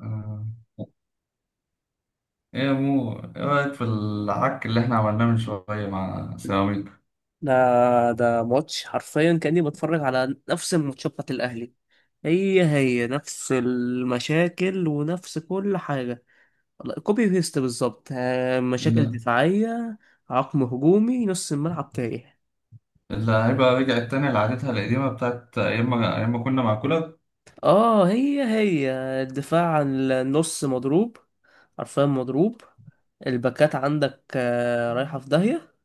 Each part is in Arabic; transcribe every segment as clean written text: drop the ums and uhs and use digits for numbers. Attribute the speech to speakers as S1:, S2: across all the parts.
S1: آه. ايه يا مو، ايه رأيك في العك اللي احنا عملناه من شوية مع سيراميكا؟
S2: ده ده ماتش حرفيا كأني بتفرج على نفس الماتشات بتاعت الأهلي. هي هي نفس المشاكل ونفس كل حاجة. كوبي بيست بالظبط، مشاكل
S1: الل-
S2: دفاعية، عقم هجومي، نص الملعب تايه.
S1: اللعيبة رجعت تاني لعادتها القديمة بتاعت أيام ما كنا مع كولر.
S2: اه هي هي. الدفاع عن النص مضروب، حرفيا مضروب. الباكات عندك، رايحة في داهية.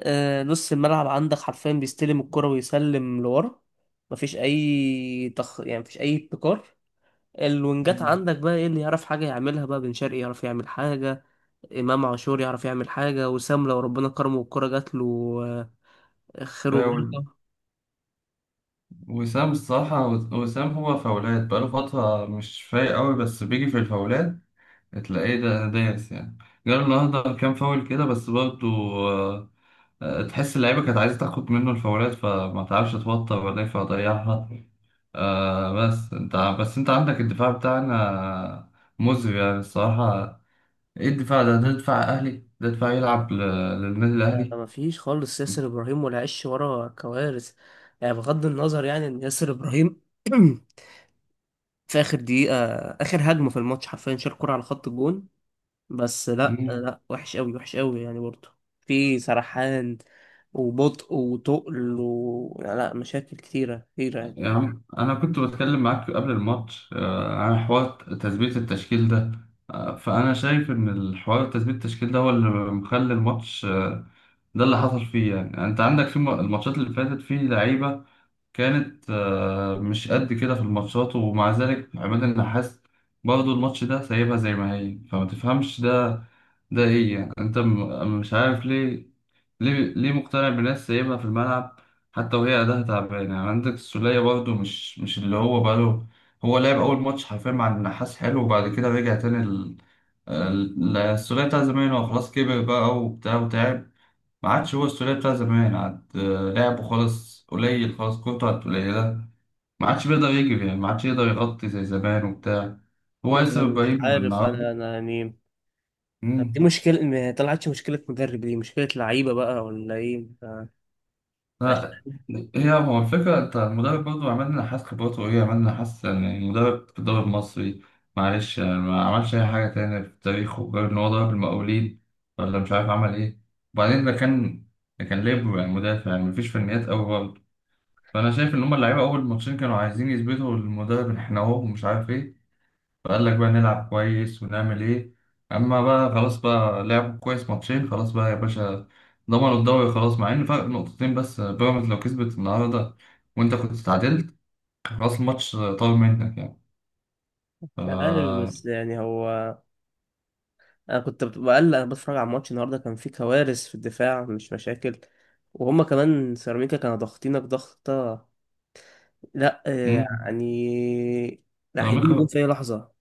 S2: نص الملعب عندك حرفيا بيستلم الكرة ويسلم لورا. مفيش أي يعني مفيش أي ابتكار. الوينجات
S1: مم.
S2: عندك بقى ايه اللي يعرف حاجة يعملها؟ بقى بن شرقي يعرف يعمل حاجة، إمام عاشور يعرف يعمل حاجة، وسام لو ربنا كرمه والكرة جات له، خير
S1: فاول.
S2: وبركة.
S1: وسام الصراحة، وسام هو فاولات بقاله فترة مش فايق أوي، بس بيجي في الفاولات تلاقيه ده دايس يعني. جاله النهاردة كام فاول كده، بس برضه آه، تحس اللعيبة كانت عايزة تاخد منه الفاولات، فما تعرفش توتر ولا إيه فضيعها. آه، بس انت عندك الدفاع بتاعنا مزري يعني الصراحة. ايه الدفاع ده؟ ده دفاع اهلي؟ ده دفاع يلعب للنادي الاهلي؟
S2: مفيش خالص. ياسر إبراهيم ولا عش ورا كوارث، يعني بغض النظر يعني إن ياسر إبراهيم في آخر دقيقة، آخر هجمة في الماتش حرفيا شال كرة على خط الجون. بس لا
S1: مم.
S2: لا، وحش قوي وحش قوي يعني برضه. في سرحان وبطء وتقل و... لا، مشاكل كتيرة كتيرة يعني.
S1: يا عم، انا كنت بتكلم معاك قبل الماتش آه، عن حوار تثبيت التشكيل ده. آه، فانا شايف ان الحوار تثبيت التشكيل ده هو اللي مخلي الماتش آه، ده اللي حصل فيه. يعني انت عندك في الماتشات اللي فاتت في لعيبة كانت آه، مش قد كده في الماتشات، ومع ذلك عماد النحاس برضه الماتش ده سايبها زي ما هي. فما تفهمش ده، ده ايه يعني؟ انت مش عارف ليه، ليه مقتنع بناس سايبها في الملعب حتى وهي اداها تعبان. يعني عندك السولية برضه مش اللي هو بقاله، هو لعب اول ماتش حرفيا مع النحاس حلو، وبعد كده رجع تاني السولية بتاع زمان. هو خلاص كبر بقى وبتاع وتعب، ما عادش هو السولية بتاع زمان. عاد آه، لعبه خلاص قليل، خلاص كورته عاد قليلة، ما عادش بيقدر يجري يعني، ما عادش يقدر يغطي زي زمان وبتاع. هو لسه
S2: أنا مش
S1: ابراهيم
S2: عارف،
S1: النهارده.
S2: انا يعني. طب دي
S1: مم.
S2: مشكلة؟ ما طلعتش مشكلة مدرب، دي مشكلة لعيبة بقى ولا ايه؟ مش
S1: لا، هي هو الفكرة انت المدرب برضه عمل لنا حاسس خبراته ايه، عمل لنا حاسس يعني المدرب في الدوري المصري معلش يعني، ما عملش أي حاجة تانية في تاريخه غير إن هو ضرب المقاولين، ولا مش عارف عمل ايه. وبعدين ده كان ليبرو يعني، مدافع يعني، مفيش فنيات أوي برضه. فأنا شايف إن هما اللعيبة أول ماتشين كانوا عايزين يثبتوا للمدرب إن إحنا أهو ومش عارف ايه، فقال لك بقى نلعب كويس ونعمل ايه. اما بقى خلاص، بقى لعبوا كويس ماتشين، خلاص بقى يا باشا، ضمنوا الدوري خلاص، مع ان فرق نقطتين بس، بيراميدز لو كسبت النهارده وانت كنت اتعادلت، خلاص الماتش طار منك يعني.
S2: عارف،
S1: ف
S2: بس يعني هو، انا كنت بقلق. انا بتفرج على الماتش النهارده، كان في كوارث في الدفاع، مش مشاكل. وهما كمان سيراميكا كانوا ضاغطينك ضغطة، لا
S1: مم.
S2: يعني، لا هيجيب جون
S1: سيراميكا،
S2: في اي لحظة.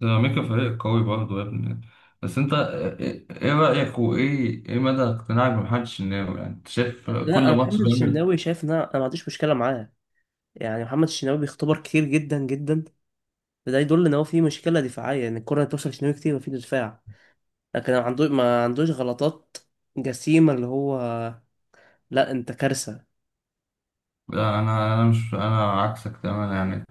S1: سيراميكا فريق قوي برضه يا ابني. بس انت ايه، إيه رأيك وايه ايه مدى اقتناعك بمحمد الشناوي يعني؟ انت شايف
S2: لا،
S1: كل
S2: انا
S1: ماتش
S2: محمد
S1: بيعمل.
S2: الشناوي شايف ان انا ما عنديش مشكلة معاه. يعني محمد الشناوي بيختبر كتير جدا جدا، فده يدل ان هو في مشكله دفاعيه، ان الكره اللي بتوصل لشناوي كتير مفيش دفاع. لكن ما عندوش غلطات جسيمة، اللي هو، لا انت كارثة.
S1: لا، انا مش انا عكسك تماما يعني،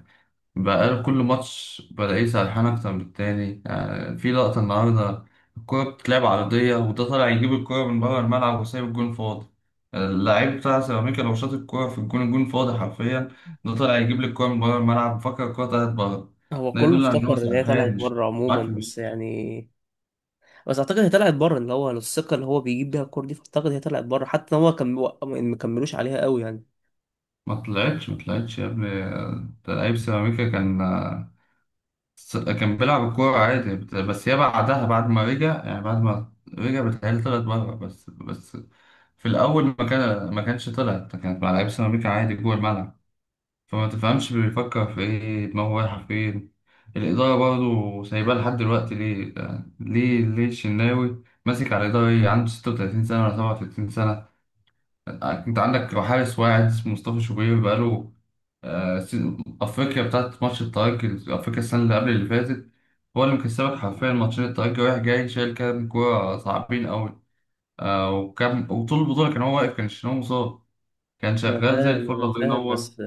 S1: بقى كل ماتش بلاقيه سرحان أكتر من التاني. يعني في لقطة النهاردة الكورة بتتلعب عرضية، وده طالع يجيب الكورة من بره الملعب وسايب الجون فاضي. اللاعب بتاع سيراميكا لو شاط الكورة في الجون، الجون فاضي حرفيا. ده طالع يجيب لي الكورة من بره الملعب، فكر الكورة طلعت بره.
S2: هو
S1: ده
S2: كله
S1: يدل على إن هو
S2: افتكر ان هي طلعت
S1: سرحان مش
S2: بره
S1: مش معاك
S2: عموما،
S1: في المية.
S2: بس يعني بس اعتقد هي طلعت بره، اللي هو الثقة اللي هو بيجيب بيها الكور دي، فاعتقد هي طلعت بره، حتى ان هو كان ما كملوش عليها قوي يعني.
S1: ما طلعتش يا ابني. ده لعيب سيراميكا كان كان بيلعب الكورة عادي بس يا بعدها، بعد ما رجع يعني، بعد ما رجع بتهيألي طلعت بره بس. في الأول ما كانش طلعت، كانت مع لعيبة سيراميكا عادي جوه الملعب، فما تفهمش بيفكر في إيه، دماغه رايحة فين. الإدارة برضه سايباه لحد دلوقتي ليه يعني؟ ليه الشناوي ماسك على الإدارة؟ إيه، عنده 36 سنة ولا 37 سنة؟ آه، أنت عندك حارس واحد اسمه مصطفى شوبير بقاله آه، أفريقيا بتاعت ماتش الترجي، أفريقيا السنة اللي قبل اللي فاتت هو اللي مكسبك حرفيا ماتشين، الترجي رايح جاي شايل كام كورة صعبين أوي. آه، وكان وطول البطولة كان هو واقف، كان الشناوي مصاب، كان
S2: انا
S1: شغال زي
S2: فاهم
S1: الفل،
S2: انا
S1: الله
S2: فاهم،
S1: ينور.
S2: بس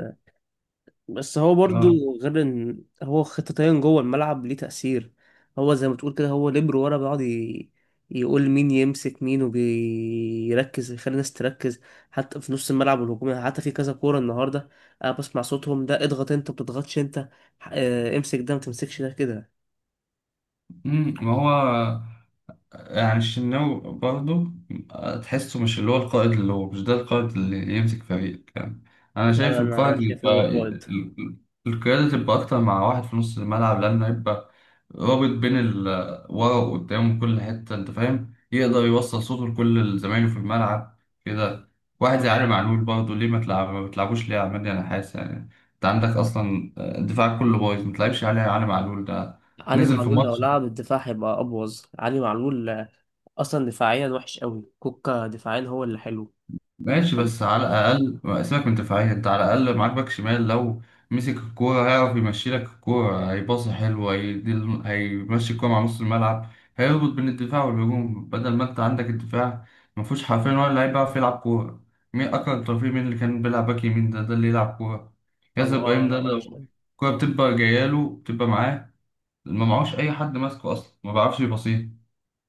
S2: بس هو
S1: آه.
S2: برضو غير ان هو خطتين جوه الملعب ليه تأثير. هو زي ما تقول كده، هو ليبرو ورا، بيقعد يقول مين يمسك مين، وبيركز يخلي الناس تركز، حتى في نص الملعب والهجوم يعني. حتى في كذا كورة النهاردة انا بسمع صوتهم، ده اضغط انت، ما بتضغطش انت، امسك ده، ما تمسكش ده، كده.
S1: مم، ما هو يعني الشناوي برضه آه، تحسه مش اللي هو القائد، اللي هو مش ده القائد اللي يمسك فريق يعني. أنا
S2: لا،
S1: شايف
S2: انا
S1: القائد
S2: شايف ان هو
S1: يبقى
S2: فوائد.
S1: القيادة تبقى أكتر مع واحد في نص الملعب، لأنه يبقى رابط بين ورا وقدام وكل حتة أنت فاهم، يقدر يوصل صوته لكل زمايله في الملعب كده. واحد زي علي معلول برضه، ليه ما تلعب، ما بتلعبوش ليه يا عماد؟ أنا حاسس يعني أنت عندك أصلا الدفاع كله بايظ، ما تلعبش علي معلول ده؟
S2: علي
S1: نزل في
S2: معلول لو
S1: ماتش
S2: لعب الدفاع هيبقى ابوظ علي معلول، اصلا دفاعيا وحش قوي، كوكا دفاعيا هو اللي حلو.
S1: ماشي، بس على الأقل ما سيبك من دفاعية، أنت على الأقل معاك باك شمال لو مسك الكورة هيعرف يمشي لك الكورة، هيباص حلو، هيدي هيمشي الكورة مع نص الملعب، هيربط بين الدفاع والهجوم، بدل ما أنت عندك الدفاع ما فيهوش حرفيا ولا لعيب بيعرف يلعب كورة. مين أكرم توفيق؟ مين اللي كان بيلعب باك يمين ده ده اللي يلعب كورة؟ ياسر
S2: هو اه
S1: إبراهيم
S2: لا
S1: ده
S2: وحش.
S1: لو الكورة بتبقى جاية له بتبقى معاه، ما معهوش أي حد ماسكه أصلا ما بيعرفش يباصيها.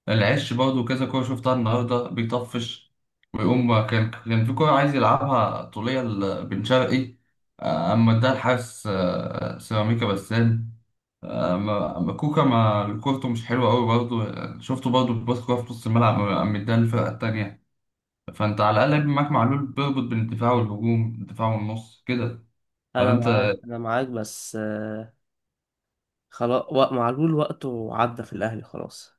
S1: العش برضه كذا كورة شفتها النهاردة بيطفش، ويقوم كان في كورة عايز يلعبها طولية لبن شرقي آه، أما اداها الحارس آه، سيراميكا بسام. آه، أما كوكا ما كورته مش حلوة أوي برضه، آه، شفته برضه بيباص كورة في نص الملعب، أما اداها للفرقة التانية. فأنت على الأقل بيبقى معاك معلول، بيربط بين الدفاع والهجوم، الدفاع والنص كده.
S2: انا
S1: فأنت
S2: معاك انا معاك، بس خلاص، معلول وقته عدى في الاهلي خلاص.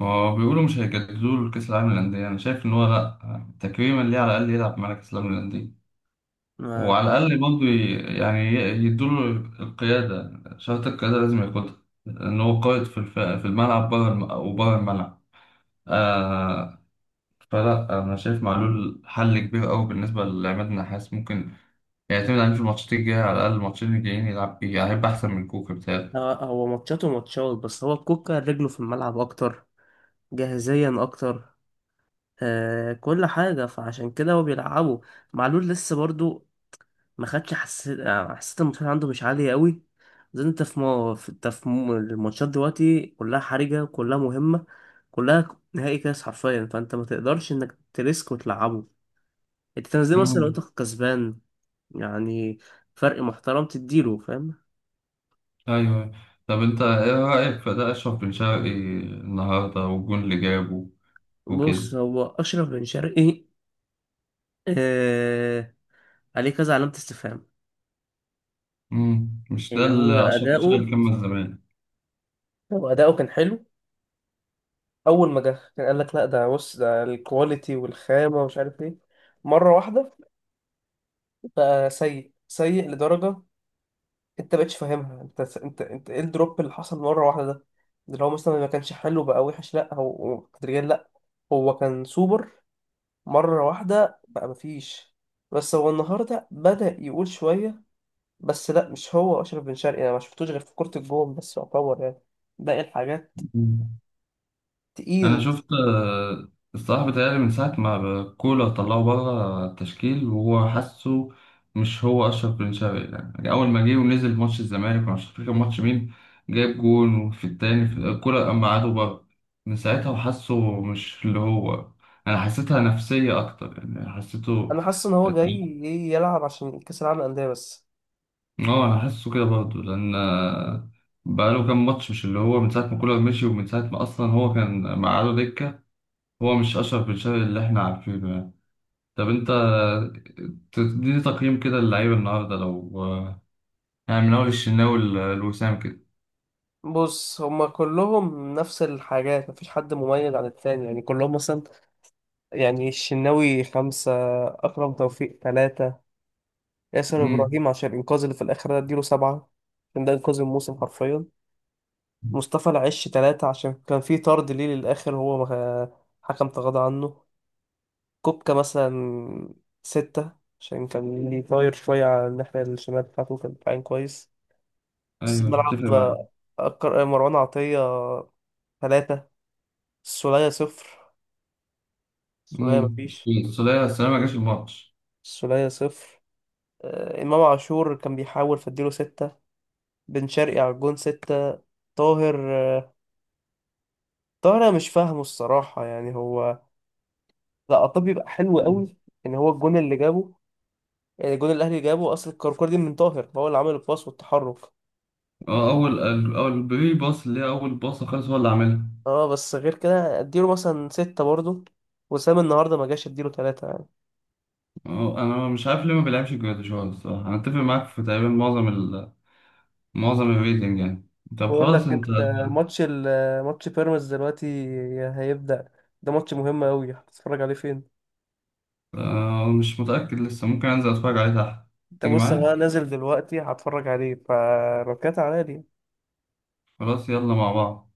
S1: ما هو بيقولوا مش هيجددوا له كأس العالم للأندية، أنا شايف إن هو لأ. آه، تكريما ليه على الأقل يلعب مع كأس العالم للأندية، وعلى
S2: ما
S1: الأقل برضه يعني يدوله القيادة. شرط القيادة لازم ياخدها، إن هو قائد في الملعب بره الملعب آه. فلا، أنا شايف معلول حل كبير أوي بالنسبة لعماد النحاس، ممكن يعتمد عليه في الماتشات الجاية، على الأقل الماتشين الجايين يلعب بيه يعني، هيبقى أحسن من كوكا بتاعي.
S2: هو هو ماتشاته ماتشات، بس هو كوكا رجله في الملعب اكتر، جاهزيا اكتر، كل حاجه، فعشان كده هو بيلعبه. معلول لسه برضو ما خدش، حسيت، حسيت المستوى عنده مش عالي قوي. زي انت في ما في انت في الماتشات دلوقتي كلها حرجه، كلها مهمه، كلها نهائي كاس حرفيا، فانت ما تقدرش انك تريسك وتلعبه. انت تنزله مثلا لو
S1: أمم،
S2: انت كسبان، يعني فرق محترم تديله، فاهم.
S1: أيوه. طب أنت إيه رأيك في ده أشرف بن شرقي النهاردة والجون اللي جابه
S2: بص
S1: وكده؟
S2: هو أشرف بن شرقي، آه عليه كذا علامة استفهام.
S1: أمم، مش ده
S2: يعني هو
S1: اللي أشرف بن
S2: أداؤه،
S1: شرقي كمل
S2: هو أداؤه كان حلو. أول ما جه كان قال لك لا ده بص ده الكواليتي والخامة ومش عارف إيه، مرة واحدة بقى سيء سيء لدرجة أنت مبقتش فاهمها. أنت إيه الدروب اللي حصل مرة واحدة ده؟ ده لو مثلا ما كانش حلو بقى وحش لا، هو هو تدريجيا لا، هو كان سوبر، مرة واحدة بقى مفيش. بس هو النهاردة بدأ يقول شوية، بس لا، مش هو أشرف بن شرقي. أنا ما شفتوش غير في كرة الجون بس، يعتبر يعني باقي الحاجات
S1: زمان. انا
S2: تقيل.
S1: شفت آه، الصراحه بيتهيألي من ساعه ما كولر طلعه بره التشكيل وهو حاسه مش هو اشرف بن شرقي. يعني اول ما جه ونزل في ماتش الزمالك ومش فاكر كان ماتش مين جايب جون، وفي التاني في كولر قام قعده بره، من ساعتها وحاسه مش اللي هو، انا حسيتها نفسيه اكتر يعني حسيته.
S2: أنا حاسس إن هو جاي إيه يلعب عشان كأس العالم للأندية بس.
S1: اه انا حاسه كده برضه لان آه، بقاله كام ماتش مش اللي هو من ساعه ما كولر مشي، ومن ساعه ما اصلا هو كان مقعده دكه، هو مش اشرف بن شرقي اللي احنا عارفينه. طب انت تديني تقييم كده للعيبة النهاردة لو، يعني من أول الشناوي لوسام كده؟
S2: بص هما كلهم نفس الحاجات، مفيش حد مميز عن التاني يعني، كلهم مثلا. يعني الشناوي 5، أكرم توفيق 3، ياسر
S1: امم،
S2: إبراهيم عشان الإنقاذ اللي في الآخر ده أديله 7، عشان ده إنقاذ الموسم حرفيا. مصطفى العش 3 عشان كان في طرد ليه للآخر، هو ما، حكم تغاضى عنه. كوبكا مثلا 6 عشان كان ليه طاير شوية على الناحية الشمال بتاعته، كان دفاعين كويس. نص
S1: أيوه أتفق
S2: الملعب،
S1: معاك.
S2: مروان عطية 3، السولية 0، السولية
S1: امم،
S2: مفيش،
S1: السولية، السولية ما جاش الماتش.
S2: السولية 0. إمام عاشور كان بيحاول فاديله 6، بن شرقي على الجون 6، طاهر، آه، طاهر أنا مش فاهمه الصراحة يعني هو، لا عطيه بيبقى حلو
S1: مم.
S2: قوي، ان هو الجون اللي جابه. يعني الجون اللي الاهلي جابه، اصل الكركور دي من طاهر، هو اللي عمل الباص والتحرك.
S1: هو أول أول البري باص، اللي هي أول باص خالص هو اللي عاملها.
S2: اه بس غير كده اديله مثلا 6 برضه. وسام النهارده ما جاش، اديله 3 يعني.
S1: هو أنا مش عارف ليه ما بيلعبش جراديشار الصراحة. أنا أتفق معاك في تقريبا معظم الريتنج يعني. طب
S2: بقول
S1: خلاص
S2: لك
S1: أنت
S2: انت، ماتش ماتش بيراميدز دلوقتي هيبدأ، ده ماتش مهم قوي، هتتفرج عليه فين؟
S1: آه، مش متأكد لسه، ممكن أنزل أتفرج عليه تحت.
S2: انت
S1: تيجي
S2: بص، انا
S1: معايا؟
S2: نازل دلوقتي هتفرج عليه، فركات عليا دي.
S1: خلاص يلا مع بعض.